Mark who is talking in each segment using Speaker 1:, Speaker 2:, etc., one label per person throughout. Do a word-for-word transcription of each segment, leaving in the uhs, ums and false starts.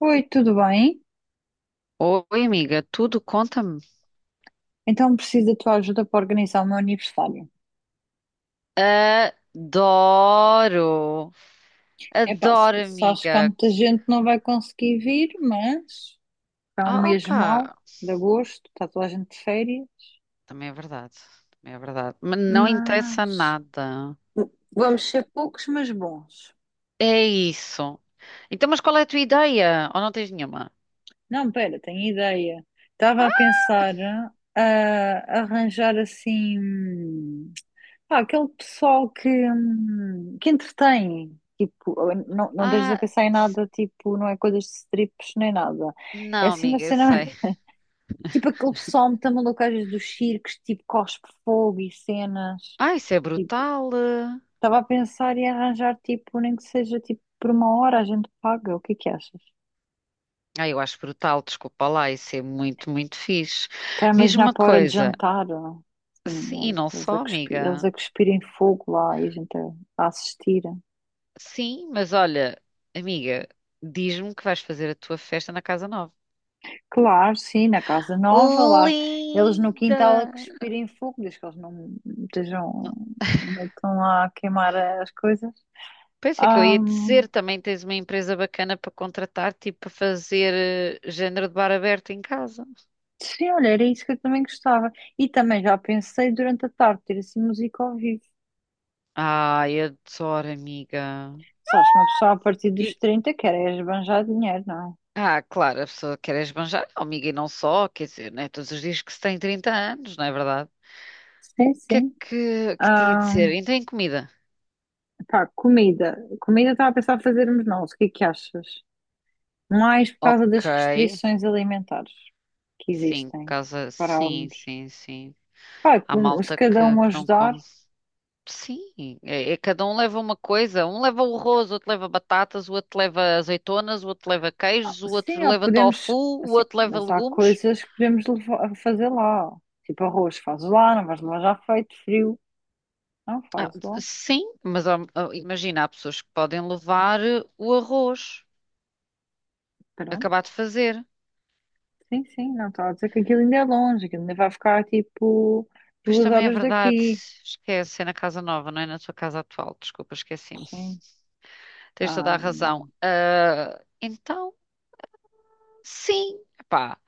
Speaker 1: Oi, tudo bem?
Speaker 2: Oi, amiga, tudo conta-me.
Speaker 1: Então preciso da tua ajuda para organizar o meu aniversário.
Speaker 2: Adoro!
Speaker 1: Epá, se
Speaker 2: Adoro,
Speaker 1: se acho que há
Speaker 2: amiga.
Speaker 1: muita gente que não vai conseguir vir, mas é um
Speaker 2: Oh,
Speaker 1: mês mau
Speaker 2: opa!
Speaker 1: de agosto, está toda a gente de férias,
Speaker 2: Também é verdade. Também é verdade. Mas não interessa
Speaker 1: mas
Speaker 2: nada.
Speaker 1: vamos ser poucos, mas bons.
Speaker 2: É isso. Então, mas qual é a tua ideia? Ou não tens nenhuma?
Speaker 1: Não, pera, tenho ideia. Estava a pensar ah, a arranjar assim. Pá, aquele pessoal que, hum, que entretém, tipo, não, não deixas a
Speaker 2: Ah,
Speaker 1: pensar em
Speaker 2: s-
Speaker 1: nada, tipo, não é coisas de strips nem nada. É
Speaker 2: não,
Speaker 1: assim uma
Speaker 2: amiga, eu
Speaker 1: cena,
Speaker 2: sei.
Speaker 1: tipo aquele pessoal muito maluco às vezes dos circos, tipo, cospe fogo e cenas.
Speaker 2: Ah, isso é
Speaker 1: Tipo,
Speaker 2: brutal.
Speaker 1: estava a pensar em arranjar, tipo, nem que seja, tipo, por uma hora a gente paga, o que é que achas?
Speaker 2: Ah, eu acho brutal, desculpa lá, isso é muito, muito fixe.
Speaker 1: Está a
Speaker 2: Diz-me
Speaker 1: imaginar
Speaker 2: uma
Speaker 1: para a hora de
Speaker 2: coisa.
Speaker 1: jantar,
Speaker 2: Sim, e
Speaker 1: sim,
Speaker 2: não
Speaker 1: eles a
Speaker 2: só,
Speaker 1: cuspir, eles
Speaker 2: amiga.
Speaker 1: a cuspirem fogo lá e a gente a, a assistir.
Speaker 2: Sim, mas olha, amiga, diz-me que vais fazer a tua festa na Casa Nova.
Speaker 1: Claro, sim, na casa nova, lá eles no quintal a
Speaker 2: Linda!
Speaker 1: cuspirem fogo, desde que eles não estejam,
Speaker 2: Não,
Speaker 1: não estão lá a queimar as coisas.
Speaker 2: pensei que eu ia
Speaker 1: Ahm,
Speaker 2: dizer, também tens uma empresa bacana para contratar, tipo para fazer eh, género de bar aberto em casa.
Speaker 1: sim, olha, era isso que eu também gostava. E também já pensei durante a tarde ter assim música ao vivo.
Speaker 2: Ai, adoro, amiga.
Speaker 1: Sabes que uma pessoa a partir dos
Speaker 2: E,
Speaker 1: trinta quer é esbanjar dinheiro, não é?
Speaker 2: ah, claro, a pessoa quer esbanjar, oh, amiga, e não só, quer dizer, né, todos os dias que se tem trinta anos, não é verdade? O
Speaker 1: Sim,
Speaker 2: que é
Speaker 1: sim.
Speaker 2: que, que te ia
Speaker 1: ah
Speaker 2: dizer? Então, em comida.
Speaker 1: Pá, comida. Comida estava a pensar fazermos nós, o que é que achas? Mais por causa
Speaker 2: Ok,
Speaker 1: das restrições alimentares que
Speaker 2: sim,
Speaker 1: existem.
Speaker 2: casa,
Speaker 1: Para,
Speaker 2: sim, sim, sim.
Speaker 1: pá,
Speaker 2: Há
Speaker 1: com- se
Speaker 2: malta
Speaker 1: cada
Speaker 2: que,
Speaker 1: um
Speaker 2: que não
Speaker 1: ajudar,
Speaker 2: come. Sim, é, é cada um leva uma coisa. Um leva o arroz, o outro leva batatas, o outro leva azeitonas, o outro leva
Speaker 1: ah,
Speaker 2: queijos, o
Speaker 1: sim,
Speaker 2: outro
Speaker 1: ou
Speaker 2: leva tofu,
Speaker 1: podemos,
Speaker 2: o
Speaker 1: assim,
Speaker 2: outro leva
Speaker 1: mas há
Speaker 2: legumes.
Speaker 1: coisas que podemos levar, fazer lá. Tipo arroz, fazes lá, não vais levar já feito, frio. Não,
Speaker 2: Ah,
Speaker 1: fazes lá.
Speaker 2: sim, mas há- ah, Imagina, há pessoas que podem levar eh, o arroz, acabar
Speaker 1: Pronto.
Speaker 2: de fazer.
Speaker 1: Sim, sim, não estou a dizer que aquilo ainda é longe, aquilo ainda vai ficar tipo
Speaker 2: Pois
Speaker 1: duas
Speaker 2: também é
Speaker 1: horas
Speaker 2: verdade,
Speaker 1: daqui.
Speaker 2: esquece, é na casa nova, não é na tua casa atual. Desculpa, esqueci-me.
Speaker 1: Sim.
Speaker 2: Tens
Speaker 1: Ah,
Speaker 2: toda a razão.
Speaker 1: hum.
Speaker 2: Ah, então, sim, pá.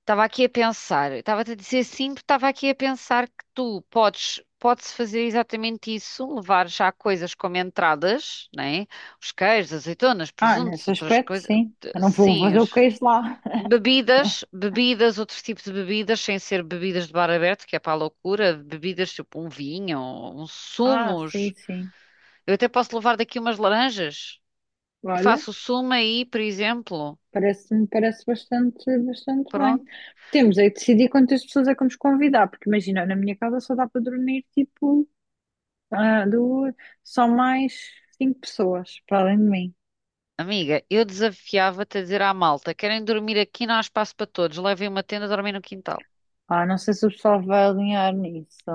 Speaker 2: Estava aqui a pensar, estava-te a dizer sim, porque estava aqui a pensar que tu podes, podes fazer exatamente isso, levar já coisas como entradas, né? Os queijos, azeitonas,
Speaker 1: Ah,
Speaker 2: presuntos,
Speaker 1: nesse
Speaker 2: outras
Speaker 1: aspecto,
Speaker 2: coisas,
Speaker 1: sim. Eu não vou
Speaker 2: sim,
Speaker 1: fazer o
Speaker 2: os-
Speaker 1: queijo lá.
Speaker 2: bebidas, bebidas, outros tipos de bebidas, sem ser bebidas de bar aberto, que é para a loucura, bebidas tipo um vinho, uns
Speaker 1: Ah, sim,
Speaker 2: sumos.
Speaker 1: sim.
Speaker 2: Eu até posso levar daqui umas laranjas e
Speaker 1: Olha.
Speaker 2: faço o sumo aí, por exemplo.
Speaker 1: Parece-me, parece bastante, bastante bem.
Speaker 2: Pronto.
Speaker 1: Temos aí de decidir quantas pessoas é que vamos convidar, porque imagina, na minha casa só dá para dormir tipo ah, duas, só mais cinco pessoas para além de mim.
Speaker 2: Amiga, eu desafiava-te a dizer à malta: querem dormir aqui, não há espaço para todos, levem uma tenda, dormem no quintal.
Speaker 1: Ah, não sei se o pessoal vai alinhar nisso. É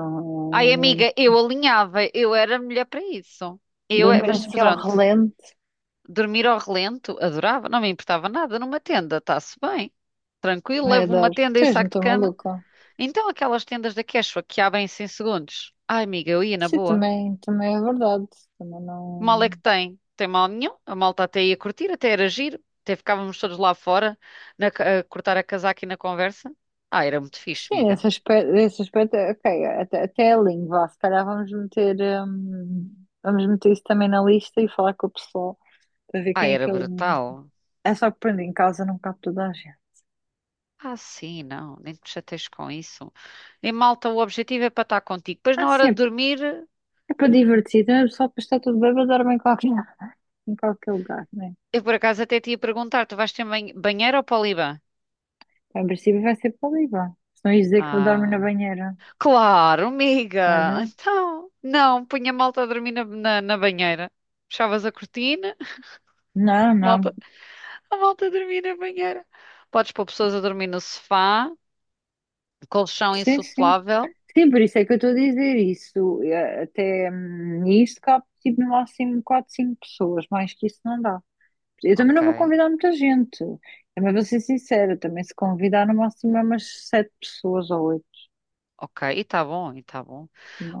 Speaker 2: Ai, amiga,
Speaker 1: muito-
Speaker 2: eu alinhava, eu era mulher para isso. Eu, é-
Speaker 1: dormir
Speaker 2: mas
Speaker 1: assim ao
Speaker 2: pronto,
Speaker 1: relento,
Speaker 2: dormir ao relento, adorava, não me importava nada numa tenda, está-se bem, tranquilo,
Speaker 1: é
Speaker 2: levo
Speaker 1: dar.
Speaker 2: uma tenda e um
Speaker 1: Tens, não
Speaker 2: saco de
Speaker 1: estou
Speaker 2: cama.
Speaker 1: maluca?
Speaker 2: Então, aquelas tendas da Quechua que abrem-se em segundos. Ai, amiga, eu ia na
Speaker 1: Sim,
Speaker 2: boa.
Speaker 1: também, também é verdade. Também
Speaker 2: Mal é
Speaker 1: não.
Speaker 2: que tem. Tem mal nenhum. A malta até ia curtir, até era giro. Até ficávamos todos lá fora na ca- a cortar a casaca e na conversa. Ah, era muito fixe,
Speaker 1: Sim,
Speaker 2: amiga.
Speaker 1: esse aspecto, esse aspecto, ok, até, até a lindo, vá, se calhar vamos meter, hum, vamos meter isso também na lista e falar com o pessoal para ver
Speaker 2: Ah,
Speaker 1: quem é
Speaker 2: era
Speaker 1: que alinha.
Speaker 2: brutal.
Speaker 1: É só que pronto, em casa não cabe toda a gente.
Speaker 2: Ah, sim, não. Nem te chateies com isso. E malta, o objetivo é para estar contigo. Depois,
Speaker 1: Ah,
Speaker 2: na
Speaker 1: sim,
Speaker 2: hora
Speaker 1: é,
Speaker 2: de
Speaker 1: p-
Speaker 2: dormir,
Speaker 1: é para divertir, não é só para estar tudo bem, mas dorme em qualquer, em qualquer lugar, né?
Speaker 2: eu por acaso até te ia perguntar: tu vais ter ban- banheiro ou poliban?
Speaker 1: Em princípio vai ser para o Líbano. Se não ia dizer que eu dorme na
Speaker 2: Ah,
Speaker 1: banheira.
Speaker 2: claro, amiga.
Speaker 1: Olha,
Speaker 2: Então, não, punha a malta a dormir na, na, na banheira. Fechavas a cortina.
Speaker 1: não, não.
Speaker 2: Malta. A malta a dormir na banheira. Podes pôr pessoas a dormir no sofá, colchão
Speaker 1: Sim, sim.
Speaker 2: insuflável.
Speaker 1: Sim, por isso é que eu estou a dizer isso. Eh, até hum, isto cabe tipo, no máximo quatro cinco pessoas, mais que isso não dá. Eu também
Speaker 2: Ok,
Speaker 1: não vou convidar muita gente. Também vou ser sincera, também se convidar no máximo é umas sete pessoas ou oito.
Speaker 2: ok. E tá bom, e tá bom.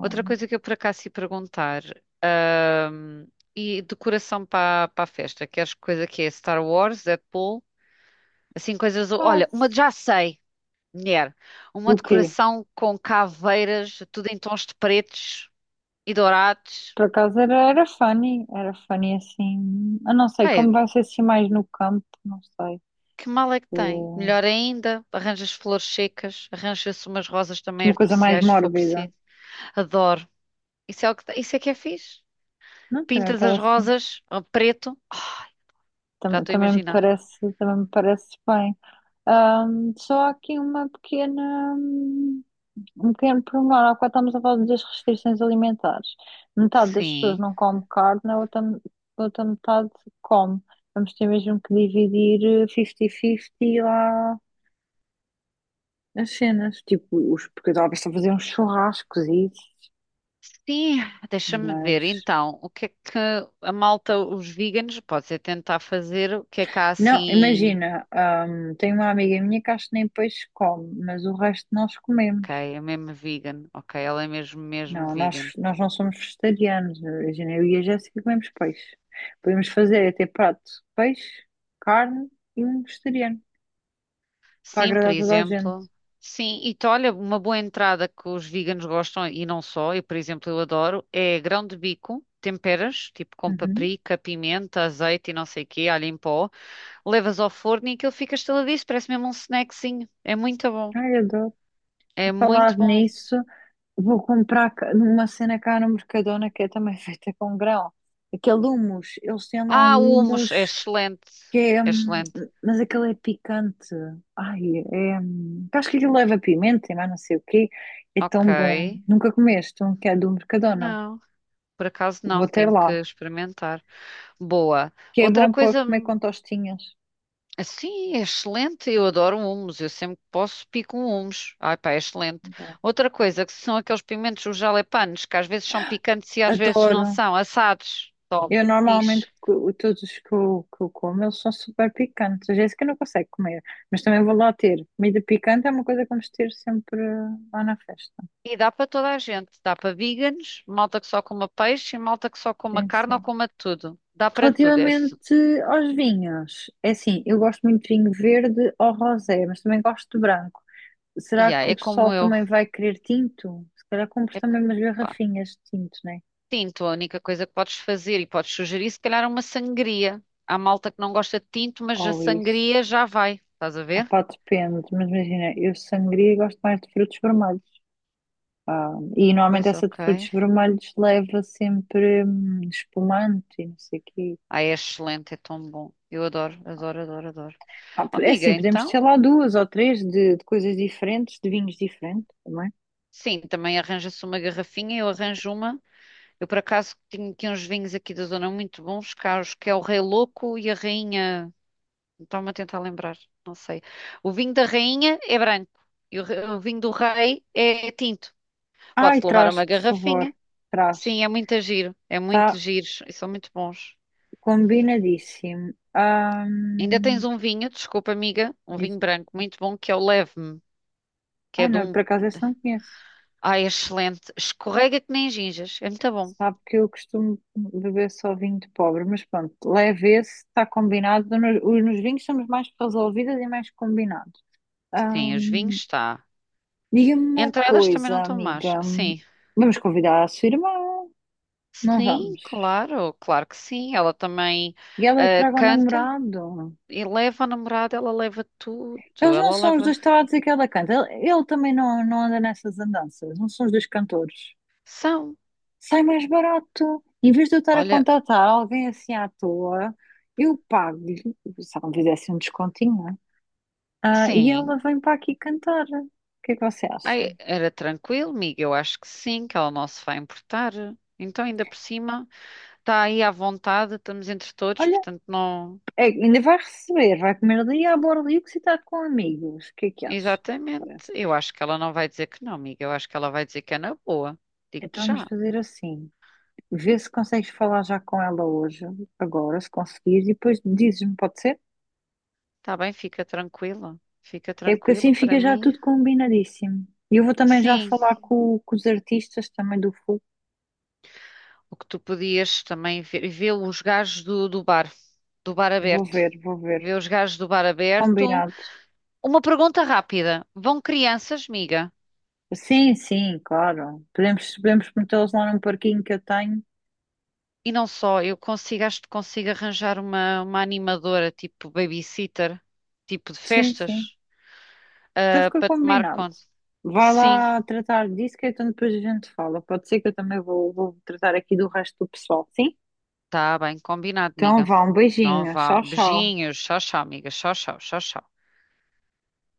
Speaker 2: Outra coisa que eu por acaso ia perguntar. ahm, e decoração para para a festa. Queres coisa que é Star Wars, Deadpool? Assim, coisas. Olha, uma
Speaker 1: faço.
Speaker 2: já sei, mulher. Uma
Speaker 1: Do quê?
Speaker 2: decoração com caveiras, tudo em tons de pretos e dourados.
Speaker 1: Por acaso era, era funny, era funny assim. Eu não sei
Speaker 2: Pá. É
Speaker 1: como vai ser assim mais no campo, não sei.
Speaker 2: Que mal é que tem?
Speaker 1: Eh,
Speaker 2: Melhor ainda, arranjas flores secas, arranja-se umas rosas também
Speaker 1: uma coisa mais
Speaker 2: artificiais se for
Speaker 1: mórbida.
Speaker 2: preciso. Adoro. Isso é o que, te- isso é que é fixe.
Speaker 1: Não, também
Speaker 2: Pintas as
Speaker 1: parece.
Speaker 2: rosas a preto. Ai, já
Speaker 1: também
Speaker 2: estou a
Speaker 1: Também me
Speaker 2: imaginar.
Speaker 1: parece, também me parece bem. Ahm, só há aqui uma pequena, hum, um pequeno pormenor, há bocado estamos a falar das restrições alimentares. Metade das pessoas
Speaker 2: Sim.
Speaker 1: não come carne, a outra, a outra metade come. Vamos ter mesmo que dividir eh, cinquenta cinquenta lá as cenas. Tipo, os, porque talvez estão a fazer uns churrascos e isso,
Speaker 2: Sim, deixa-me ver.
Speaker 1: mas...
Speaker 2: Então, o que é que a malta, os veganos, pode ser tentar fazer? O que é que há
Speaker 1: Não,
Speaker 2: assim?
Speaker 1: imagina, hum, tenho uma amiga minha que acho que nem peixe come, mas o resto nós
Speaker 2: Ok,
Speaker 1: comemos.
Speaker 2: é mesmo vegan. Ok, ela é mesmo, mesmo
Speaker 1: Não,
Speaker 2: vegan.
Speaker 1: nós, nós não somos vegetarianos. Imagina, eu e a Jéssica comemos peixe. Podemos fazer até prato de peixe, carne e um vegetariano, para
Speaker 2: Sim, por
Speaker 1: agradar toda a gente.
Speaker 2: exemplo. Sim, e tu, olha, uma boa entrada que os veganos gostam, e não só, eu, por exemplo, eu adoro, é grão de bico, temperas, tipo com
Speaker 1: Uhum.
Speaker 2: paprika, pimenta, azeite e não sei o quê, alho em pó, levas ao forno e aquilo fica estaladiço, parece mesmo um snackzinho. É muito bom,
Speaker 1: Ai, eu adoro. Por
Speaker 2: é muito
Speaker 1: falar
Speaker 2: bom.
Speaker 1: nisso, vou comprar ca- uma cena cá no Mercadona que é também feita com grão. Aquele hummus, eles têm lá um
Speaker 2: Ah, o hummus, é
Speaker 1: hummus
Speaker 2: excelente,
Speaker 1: que é,
Speaker 2: é
Speaker 1: hum,
Speaker 2: excelente.
Speaker 1: mas aquele é picante. Ai, é, hum, acho que aquilo leva pimenta e mais não sei o quê. É
Speaker 2: Ok,
Speaker 1: tão bom. Nunca comeste um que é do Mercadona?
Speaker 2: não, por acaso
Speaker 1: Vou
Speaker 2: não,
Speaker 1: ter
Speaker 2: tenho
Speaker 1: lá.
Speaker 2: que experimentar. Boa.
Speaker 1: Que é
Speaker 2: Outra
Speaker 1: bom para
Speaker 2: coisa.
Speaker 1: comer com tostinhas.
Speaker 2: Sim, é excelente. Eu adoro humos. Eu sempre que posso pico um humos. Ai, pá, é excelente. Outra coisa que são aqueles pimentos, os jalapenos, que às vezes são picantes e às vezes não
Speaker 1: Adoro.
Speaker 2: são, assados. Tome,
Speaker 1: Eu normalmente,
Speaker 2: fixe.
Speaker 1: co- todos os que eu, que eu como, eles são super picantes. A Jéssica não consegue comer, mas também vou lá ter. Comida picante é uma coisa que vamos ter sempre lá na festa.
Speaker 2: E dá para toda a gente. Dá para veganos, malta que só coma peixe e malta que só coma
Speaker 1: Sim,
Speaker 2: carne ou
Speaker 1: sim.
Speaker 2: coma tudo. Dá para tudo esse.
Speaker 1: Relativamente aos vinhos, é assim, eu gosto muito de vinho verde ou rosé, mas também gosto de branco.
Speaker 2: E
Speaker 1: Será
Speaker 2: yeah,
Speaker 1: que o
Speaker 2: é
Speaker 1: pessoal
Speaker 2: como eu.
Speaker 1: também vai querer tinto? Se calhar compro
Speaker 2: É,
Speaker 1: também umas
Speaker 2: pá.
Speaker 1: garrafinhas de tinto, né?
Speaker 2: Tinto, a única coisa que podes fazer e podes sugerir, se calhar, é uma sangria. Há malta que não gosta de tinto, mas a
Speaker 1: Ou isso.
Speaker 2: sangria já vai. Estás a
Speaker 1: Ah,
Speaker 2: ver?
Speaker 1: pá, depende, mas imagina, eu sangria gosto mais de frutos vermelhos. Ah, e normalmente
Speaker 2: Pois,
Speaker 1: essa de
Speaker 2: ok.
Speaker 1: frutos vermelhos leva sempre hum, espumante e não sei o quê.
Speaker 2: Ai, é excelente, é tão bom. Eu adoro, adoro, adoro, adoro.
Speaker 1: Ah,
Speaker 2: Oh,
Speaker 1: é
Speaker 2: amiga,
Speaker 1: assim, podemos ter
Speaker 2: então,
Speaker 1: lá duas ou três de, de coisas diferentes, de vinhos diferentes também.
Speaker 2: sim, também arranja-se uma garrafinha, eu arranjo uma. Eu, por acaso, tenho aqui uns vinhos aqui da zona muito bons, caros, que é o Rei Louco e a Rainha. Estava-me a tentar lembrar, não sei. O vinho da Rainha é branco e o, re- o vinho do Rei é tinto.
Speaker 1: Ai,
Speaker 2: Pode-se levar
Speaker 1: traz,
Speaker 2: uma
Speaker 1: por favor,
Speaker 2: garrafinha.
Speaker 1: traz.
Speaker 2: Sim, é muito giro, é muito
Speaker 1: Está
Speaker 2: giro e são muito bons.
Speaker 1: combinadíssimo. Ah,
Speaker 2: Ainda tens um vinho, desculpa, amiga, um
Speaker 1: diz,
Speaker 2: vinho branco muito bom que é o Leve-me, que
Speaker 1: ah,
Speaker 2: é de
Speaker 1: não,
Speaker 2: um.
Speaker 1: por acaso esse não conheço.
Speaker 2: Ai, excelente. Escorrega que nem gingas. É muito bom.
Speaker 1: Sabe que eu costumo beber só vinho de pobre, mas pronto, leve esse, está combinado. Nos, os- nos vinhos somos mais resolvidas e mais combinados.
Speaker 2: Sim, os vinhos
Speaker 1: Ahm,
Speaker 2: está.
Speaker 1: diga-me uma
Speaker 2: Entradas também não
Speaker 1: coisa,
Speaker 2: estão más.
Speaker 1: amiga.
Speaker 2: Sim.
Speaker 1: Vamos convidar a sua irmã? Não
Speaker 2: Sim,
Speaker 1: vamos.
Speaker 2: claro. Claro que sim. Ela também
Speaker 1: E ela é que
Speaker 2: ah,
Speaker 1: traga o
Speaker 2: canta
Speaker 1: namorado.
Speaker 2: e leva a namorada, ela leva tudo.
Speaker 1: Eles não
Speaker 2: Ela
Speaker 1: são os
Speaker 2: leva.
Speaker 1: dois que estava a dizer que ela canta. Ele, ele também não, não anda nessas andanças. Não são os dois cantores.
Speaker 2: São.
Speaker 1: Sai mais barato. Em vez de eu estar a
Speaker 2: Olha,
Speaker 1: contratar alguém assim à toa, eu pago-lhe. Se ela me fizesse um descontinho, ah, e
Speaker 2: sim.
Speaker 1: ela vem para aqui cantar. O que é que você acha?
Speaker 2: Ai, era tranquilo, Miga. Eu acho que sim, que ela não se vai importar. Então, ainda por cima, está aí à vontade, estamos entre todos,
Speaker 1: Olha,
Speaker 2: portanto, não.
Speaker 1: é- ainda vai receber, vai comer ali à borda e está com amigos. O que é que acha? Parece.
Speaker 2: Exatamente. Eu acho que ela não vai dizer que não, amiga. Eu acho que ela vai dizer que é na boa.
Speaker 1: Então
Speaker 2: Digo-te
Speaker 1: vamos
Speaker 2: já.
Speaker 1: fazer assim. Vê se consegues falar já com ela hoje, agora, se conseguires, e depois dizes-me, pode ser?
Speaker 2: Tá bem, fica tranquila. Fica
Speaker 1: É porque assim
Speaker 2: tranquila para
Speaker 1: fica já
Speaker 2: mim.
Speaker 1: tudo combinadíssimo. E eu vou também já
Speaker 2: Sim,
Speaker 1: falar com, com os artistas também do Fogo.
Speaker 2: o que tu podias também ver, ver os gajos do, do bar, do bar
Speaker 1: Vou
Speaker 2: aberto.
Speaker 1: ver, vou ver.
Speaker 2: Ver os gajos do bar aberto.
Speaker 1: Combinado.
Speaker 2: Uma pergunta rápida. Vão crianças, Miga?
Speaker 1: Sim, sim, claro. Podemos, podemos metê-los lá num parquinho que eu tenho.
Speaker 2: E não só, eu consigo, acho que consigo arranjar uma, uma animadora, tipo babysitter, tipo de
Speaker 1: Sim, sim.
Speaker 2: festas,
Speaker 1: Então
Speaker 2: ah,
Speaker 1: fica
Speaker 2: para tomar
Speaker 1: combinado.
Speaker 2: conta.
Speaker 1: Vai
Speaker 2: Sim,
Speaker 1: lá tratar disso, que então depois a gente fala. Pode ser que eu também vou, vou tratar aqui do resto do pessoal, sim?
Speaker 2: tá bem, combinado,
Speaker 1: Então
Speaker 2: Miga.
Speaker 1: vá, um
Speaker 2: Então
Speaker 1: beijinho.
Speaker 2: vá.
Speaker 1: Tchau, tchau.
Speaker 2: Beijinhos. Tchau, tchau, amiga. Tchau, tchau, tchau, tchau.